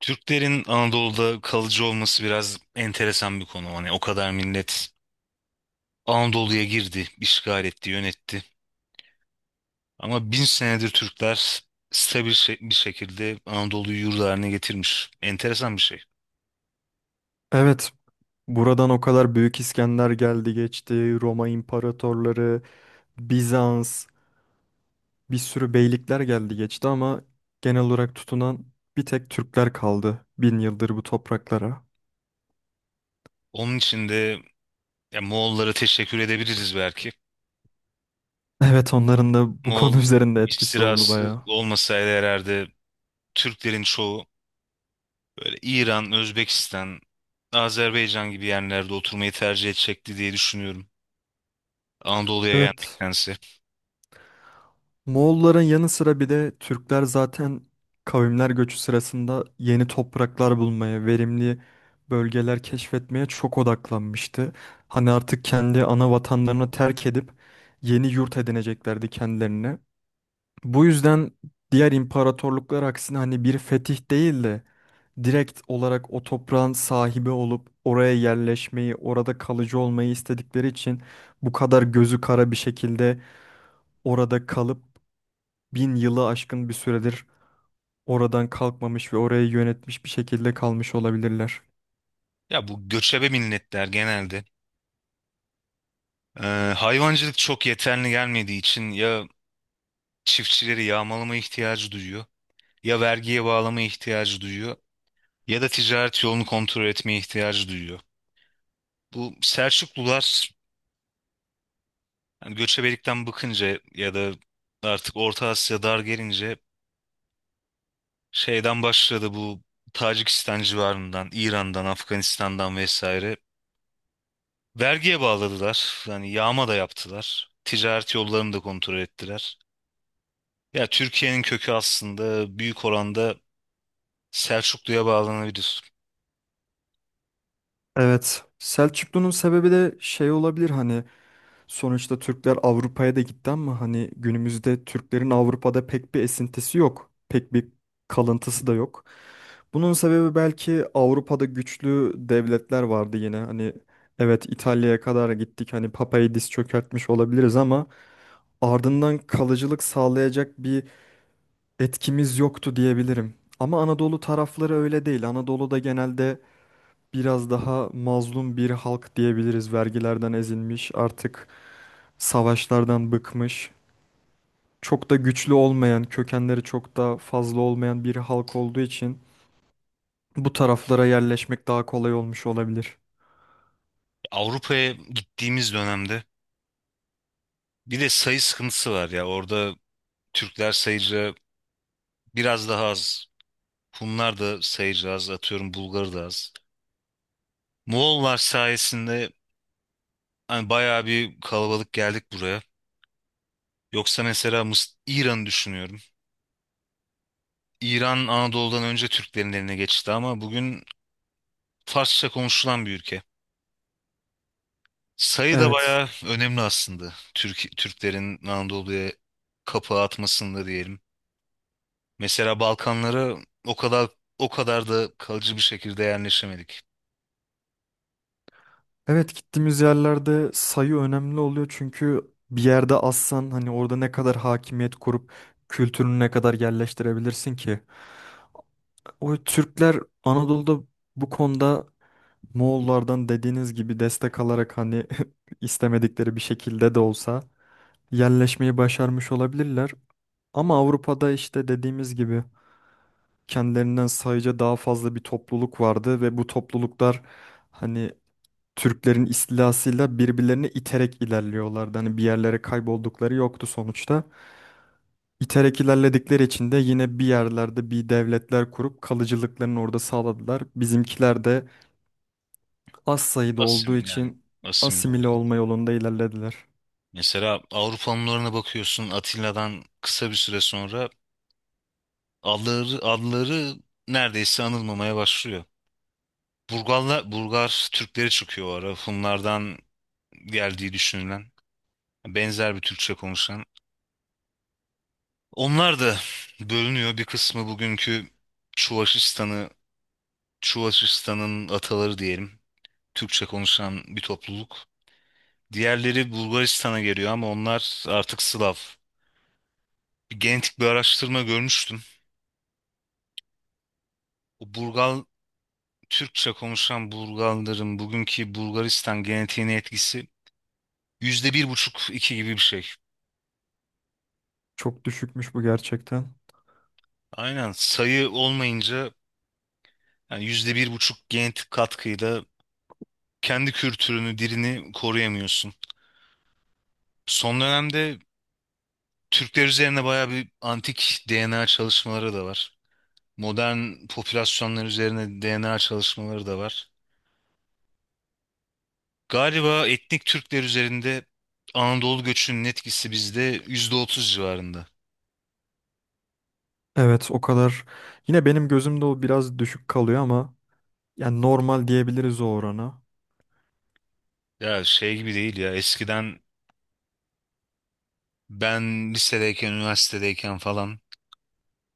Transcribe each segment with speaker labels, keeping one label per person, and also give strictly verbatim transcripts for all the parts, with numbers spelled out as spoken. Speaker 1: Türklerin Anadolu'da kalıcı olması biraz enteresan bir konu. Hani o kadar millet Anadolu'ya girdi, işgal etti, yönetti. Ama bin senedir Türkler stabil şe- bir şekilde Anadolu'yu yurdu haline getirmiş. Enteresan bir şey.
Speaker 2: Evet, buradan o kadar Büyük İskender geldi geçti, Roma imparatorları, Bizans, bir sürü beylikler geldi geçti ama genel olarak tutunan bir tek Türkler kaldı bin yıldır bu topraklara.
Speaker 1: Onun için de ya, Moğollara teşekkür edebiliriz belki.
Speaker 2: Evet, onların da bu konu
Speaker 1: Moğol
Speaker 2: üzerinde etkisi oldu
Speaker 1: istilası
Speaker 2: bayağı.
Speaker 1: olmasaydı herhalde Türklerin çoğu böyle İran, Özbekistan, Azerbaycan gibi yerlerde oturmayı tercih edecekti diye düşünüyorum. Anadolu'ya
Speaker 2: Evet,
Speaker 1: gelmektense.
Speaker 2: Moğolların yanı sıra bir de Türkler zaten kavimler göçü sırasında yeni topraklar bulmaya, verimli bölgeler keşfetmeye çok odaklanmıştı. Hani artık kendi ana vatanlarını terk edip yeni yurt edineceklerdi kendilerine. Bu yüzden diğer imparatorluklar aksine hani bir fetih değil de direkt olarak o toprağın sahibi olup oraya yerleşmeyi, orada kalıcı olmayı istedikleri için bu kadar gözü kara bir şekilde orada kalıp bin yılı aşkın bir süredir oradan kalkmamış ve orayı yönetmiş bir şekilde kalmış olabilirler.
Speaker 1: Ya bu göçebe milletler genelde e, hayvancılık çok yeterli gelmediği için ya çiftçileri yağmalama ihtiyacı duyuyor, ya vergiye bağlama ihtiyacı duyuyor, ya da ticaret yolunu kontrol etmeye ihtiyacı duyuyor. Bu Selçuklular yani göçebelikten bıkınca ya da artık Orta Asya dar gelince şeyden başladı bu Tacikistan civarından, İran'dan, Afganistan'dan vesaire vergiye bağladılar. Yani yağma da yaptılar. Ticaret yollarını da kontrol ettiler. Ya Türkiye'nin kökü aslında büyük oranda Selçuklu'ya bağlanabilir.
Speaker 2: Evet, Selçuklu'nun sebebi de şey olabilir hani sonuçta Türkler Avrupa'ya da gitti ama hani günümüzde Türklerin Avrupa'da pek bir esintisi yok. Pek bir kalıntısı da yok. Bunun sebebi belki Avrupa'da güçlü devletler vardı yine. Hani evet İtalya'ya kadar gittik. Hani Papa'yı diz çökertmiş olabiliriz ama ardından kalıcılık sağlayacak bir etkimiz yoktu diyebilirim. Ama Anadolu tarafları öyle değil. Anadolu'da genelde biraz daha mazlum bir halk diyebiliriz. Vergilerden ezilmiş, artık savaşlardan bıkmış. Çok da güçlü olmayan, kökenleri çok da fazla olmayan bir halk olduğu için bu taraflara yerleşmek daha kolay olmuş olabilir.
Speaker 1: Avrupa'ya gittiğimiz dönemde bir de sayı sıkıntısı var ya orada Türkler sayıca biraz daha az. Hunlar da sayıca az atıyorum, Bulgar da az. Moğollar sayesinde hani bayağı bir kalabalık geldik buraya. Yoksa mesela Mıs İran'ı düşünüyorum. İran Anadolu'dan önce Türklerin eline geçti ama bugün Farsça konuşulan bir ülke. Sayı da
Speaker 2: Evet.
Speaker 1: bayağı önemli aslında. Türk Türklerin Anadolu'ya kapağı atmasında diyelim. Mesela Balkanlara o kadar o kadar da kalıcı bir şekilde yerleşemedik.
Speaker 2: Evet, gittiğimiz yerlerde sayı önemli oluyor çünkü bir yerde azsan hani orada ne kadar hakimiyet kurup kültürünü ne kadar yerleştirebilirsin ki? O Türkler Anadolu'da bu konuda Moğollardan dediğiniz gibi destek alarak hani istemedikleri bir şekilde de olsa yerleşmeyi başarmış olabilirler. Ama Avrupa'da işte dediğimiz gibi kendilerinden sayıca daha fazla bir topluluk vardı ve bu topluluklar hani Türklerin istilasıyla birbirlerini iterek ilerliyorlardı. Hani bir yerlere kayboldukları yoktu sonuçta. İterek ilerledikleri için de yine bir yerlerde bir devletler kurup kalıcılıklarını orada sağladılar. Bizimkiler de az sayıda olduğu
Speaker 1: Asim yani
Speaker 2: için
Speaker 1: asimile oldu.
Speaker 2: asimile olma yolunda ilerlediler.
Speaker 1: Mesela Avrupa Hunlarına bakıyorsun, Atilla'dan kısa bir süre sonra adları adları neredeyse anılmamaya başlıyor. Burgarlar Burgar Türkleri çıkıyor o ara. Hunlardan geldiği düşünülen, benzer bir Türkçe konuşan. Onlar da bölünüyor. Bir kısmı bugünkü Çuvaşistan'ı, Çuvaşistan'ın ataları diyelim. Türkçe konuşan bir topluluk. Diğerleri Bulgaristan'a geliyor ama onlar artık Slav. Bir genetik bir araştırma görmüştüm. O Burgal, Türkçe konuşan Burgalların bugünkü Bulgaristan genetiğine etkisi yüzde bir buçuk, iki gibi bir şey.
Speaker 2: Çok düşükmüş bu gerçekten.
Speaker 1: Aynen, sayı olmayınca, yani yüzde bir buçuk genetik katkıyla kendi kültürünü, dilini koruyamıyorsun. Son dönemde Türkler üzerine bayağı bir antik D N A çalışmaları da var. Modern popülasyonlar üzerine D N A çalışmaları da var. Galiba etnik Türkler üzerinde Anadolu göçünün etkisi bizde yüzde otuz civarında.
Speaker 2: Evet, o kadar. Yine benim gözümde o biraz düşük kalıyor ama yani normal diyebiliriz o orana.
Speaker 1: Ya şey gibi değil ya, eskiden ben lisedeyken, üniversitedeyken falan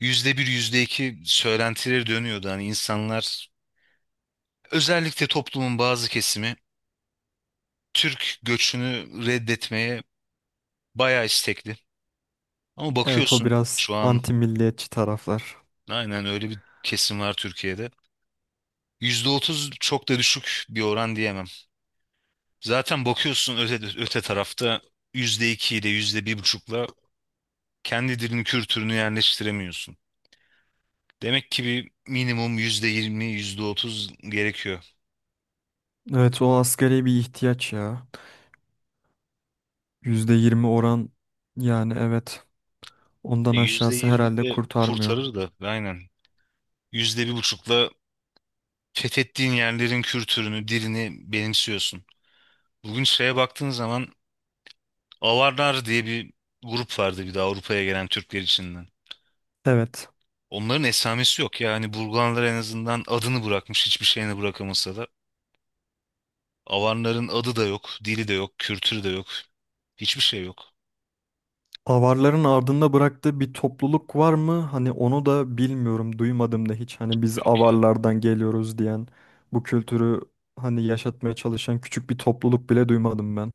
Speaker 1: yüzde bir, yüzde iki söylentileri dönüyordu. Hani insanlar, özellikle toplumun bazı kesimi, Türk göçünü reddetmeye bayağı istekli. Ama
Speaker 2: Evet, o
Speaker 1: bakıyorsun
Speaker 2: biraz
Speaker 1: şu an.
Speaker 2: anti milliyetçi taraflar.
Speaker 1: Aynen öyle bir kesim var Türkiye'de. Yüzde otuz çok da düşük bir oran diyemem. Zaten bakıyorsun öte, öte tarafta yüzde iki ile yüzde bir buçukla kendi dilini, kültürünü yerleştiremiyorsun. Demek ki bir minimum yüzde yirmi, yüzde otuz gerekiyor.
Speaker 2: Evet, o asgari bir ihtiyaç ya. Yüzde yirmi oran, yani evet, ondan
Speaker 1: E yüzde
Speaker 2: aşağısı
Speaker 1: yirmi
Speaker 2: herhalde
Speaker 1: de
Speaker 2: kurtarmıyor.
Speaker 1: kurtarır da aynen. Yüzde bir buçukla fethettiğin yerlerin kültürünü, dilini benimsiyorsun. Bugün şeye baktığın zaman, Avarlar diye bir grup vardı bir de, Avrupa'ya gelen Türkler için.
Speaker 2: Evet.
Speaker 1: Onların esamesi yok yani. Burgulanlar en azından adını bırakmış, hiçbir şeyini bırakamasa da. Avarların adı da yok, dili de yok, kültürü de yok. Hiçbir şey yok.
Speaker 2: Avarların ardında bıraktığı bir topluluk var mı? Hani onu da bilmiyorum, duymadım da hiç. Hani biz
Speaker 1: Yok ya.
Speaker 2: avarlardan geliyoruz diyen, bu kültürü hani yaşatmaya çalışan küçük bir topluluk bile duymadım ben.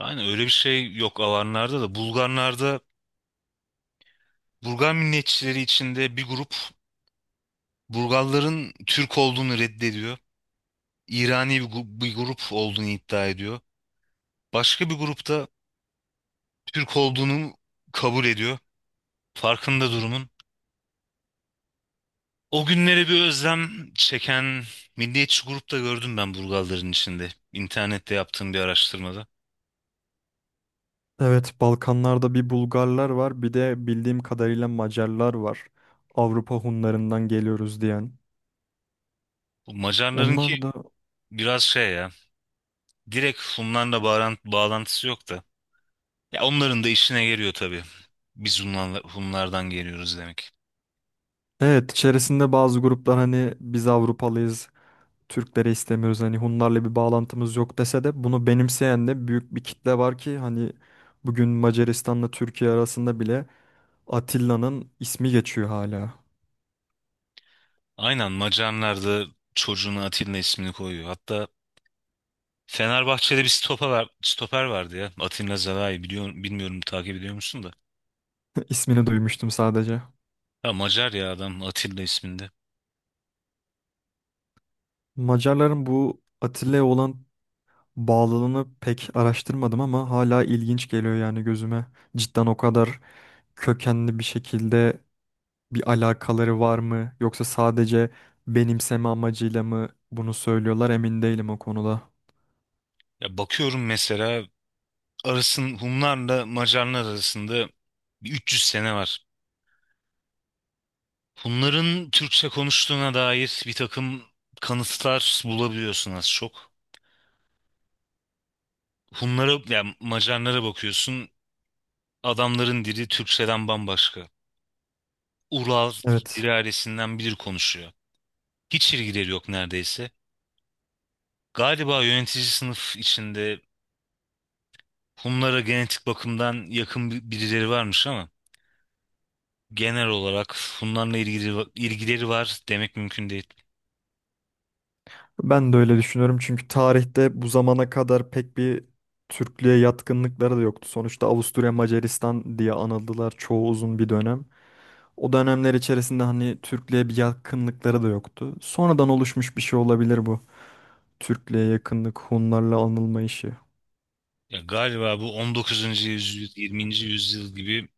Speaker 1: Aynen öyle bir şey yok Avarlarda da. Bulgarlarda, Bulgar milliyetçileri içinde bir grup Bulgarların Türk olduğunu reddediyor. İrani bir, gu- bir grup olduğunu iddia ediyor. Başka bir grupta Türk olduğunu kabul ediyor. Farkında durumun. O günlere bir özlem çeken milliyetçi grupta gördüm ben, Burgalların içinde. İnternette yaptığım bir araştırmada.
Speaker 2: Evet, Balkanlarda bir Bulgarlar var, bir de bildiğim kadarıyla Macarlar var. Avrupa Hunlarından geliyoruz diyen.
Speaker 1: Bu Macarların ki
Speaker 2: Onlar da
Speaker 1: biraz şey ya. Direkt Hunlarla bağran- bağlantısı yok da. Ya onların da işine geliyor tabii. Biz Hunlarla, Hunlardan geliyoruz demek.
Speaker 2: evet içerisinde bazı gruplar hani biz Avrupalıyız, Türkleri istemiyoruz, hani Hunlarla bir bağlantımız yok dese de bunu benimseyen de büyük bir kitle var ki hani bugün Macaristan'la Türkiye arasında bile Atilla'nın ismi geçiyor hala.
Speaker 1: Aynen, Macarlar da çocuğuna Atilla ismini koyuyor. Hatta Fenerbahçe'de bir stoper, var- stoper vardı ya. Atilla Zalai, biliyor, bilmiyorum takip ediyor musun da.
Speaker 2: İsmini duymuştum sadece.
Speaker 1: Ya Macar ya adam, Atilla isminde.
Speaker 2: Macarların bu Atilla'ya olan bağlılığını pek araştırmadım ama hala ilginç geliyor yani gözüme. Cidden o kadar kökenli bir şekilde bir alakaları var mı yoksa sadece benimseme amacıyla mı bunu söylüyorlar, emin değilim o konuda.
Speaker 1: Ya bakıyorum mesela, arasın Hunlarla Macarlar arasında bir üç yüz sene var. Hunların Türkçe konuştuğuna dair bir takım kanıtlar bulabiliyorsun az çok. Hunlara, yani Macarlara bakıyorsun, adamların dili Türkçeden bambaşka. Ural bir
Speaker 2: Evet.
Speaker 1: ailesinden biri konuşuyor. Hiç ilgileri yok neredeyse. Galiba yönetici sınıf içinde Hunlara genetik bakımdan yakın bir- birileri varmış ama genel olarak Hunlarla ilgili, ilgileri var demek mümkün değil.
Speaker 2: Ben de öyle düşünüyorum çünkü tarihte bu zamana kadar pek bir Türklüğe yatkınlıkları da yoktu. Sonuçta Avusturya Macaristan diye anıldılar çoğu uzun bir dönem. O dönemler içerisinde hani Türklüğe bir yakınlıkları da yoktu. Sonradan oluşmuş bir şey olabilir bu. Türklüğe yakınlık, Hunlarla anılma işi.
Speaker 1: Ya galiba bu on dokuzuncu yüzyıl, yirminci yüzyıl gibi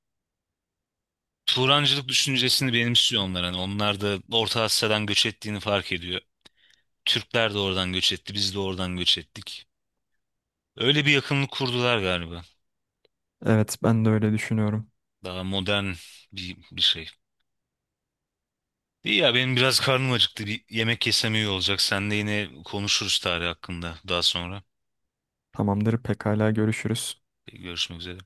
Speaker 1: Turancılık düşüncesini benimsiyor onlar. Hani onlar da Orta Asya'dan göç ettiğini fark ediyor. Türkler de oradan göç etti, biz de oradan göç ettik. Öyle bir yakınlık kurdular galiba.
Speaker 2: Evet, ben de öyle düşünüyorum.
Speaker 1: Daha modern bir, bir şey. İyi ya, benim biraz karnım acıktı. Bir yemek yesem iyi olacak. Sen de, yine konuşuruz tarih hakkında daha sonra.
Speaker 2: Tamamdır, pekala görüşürüz.
Speaker 1: Görüşmek üzere.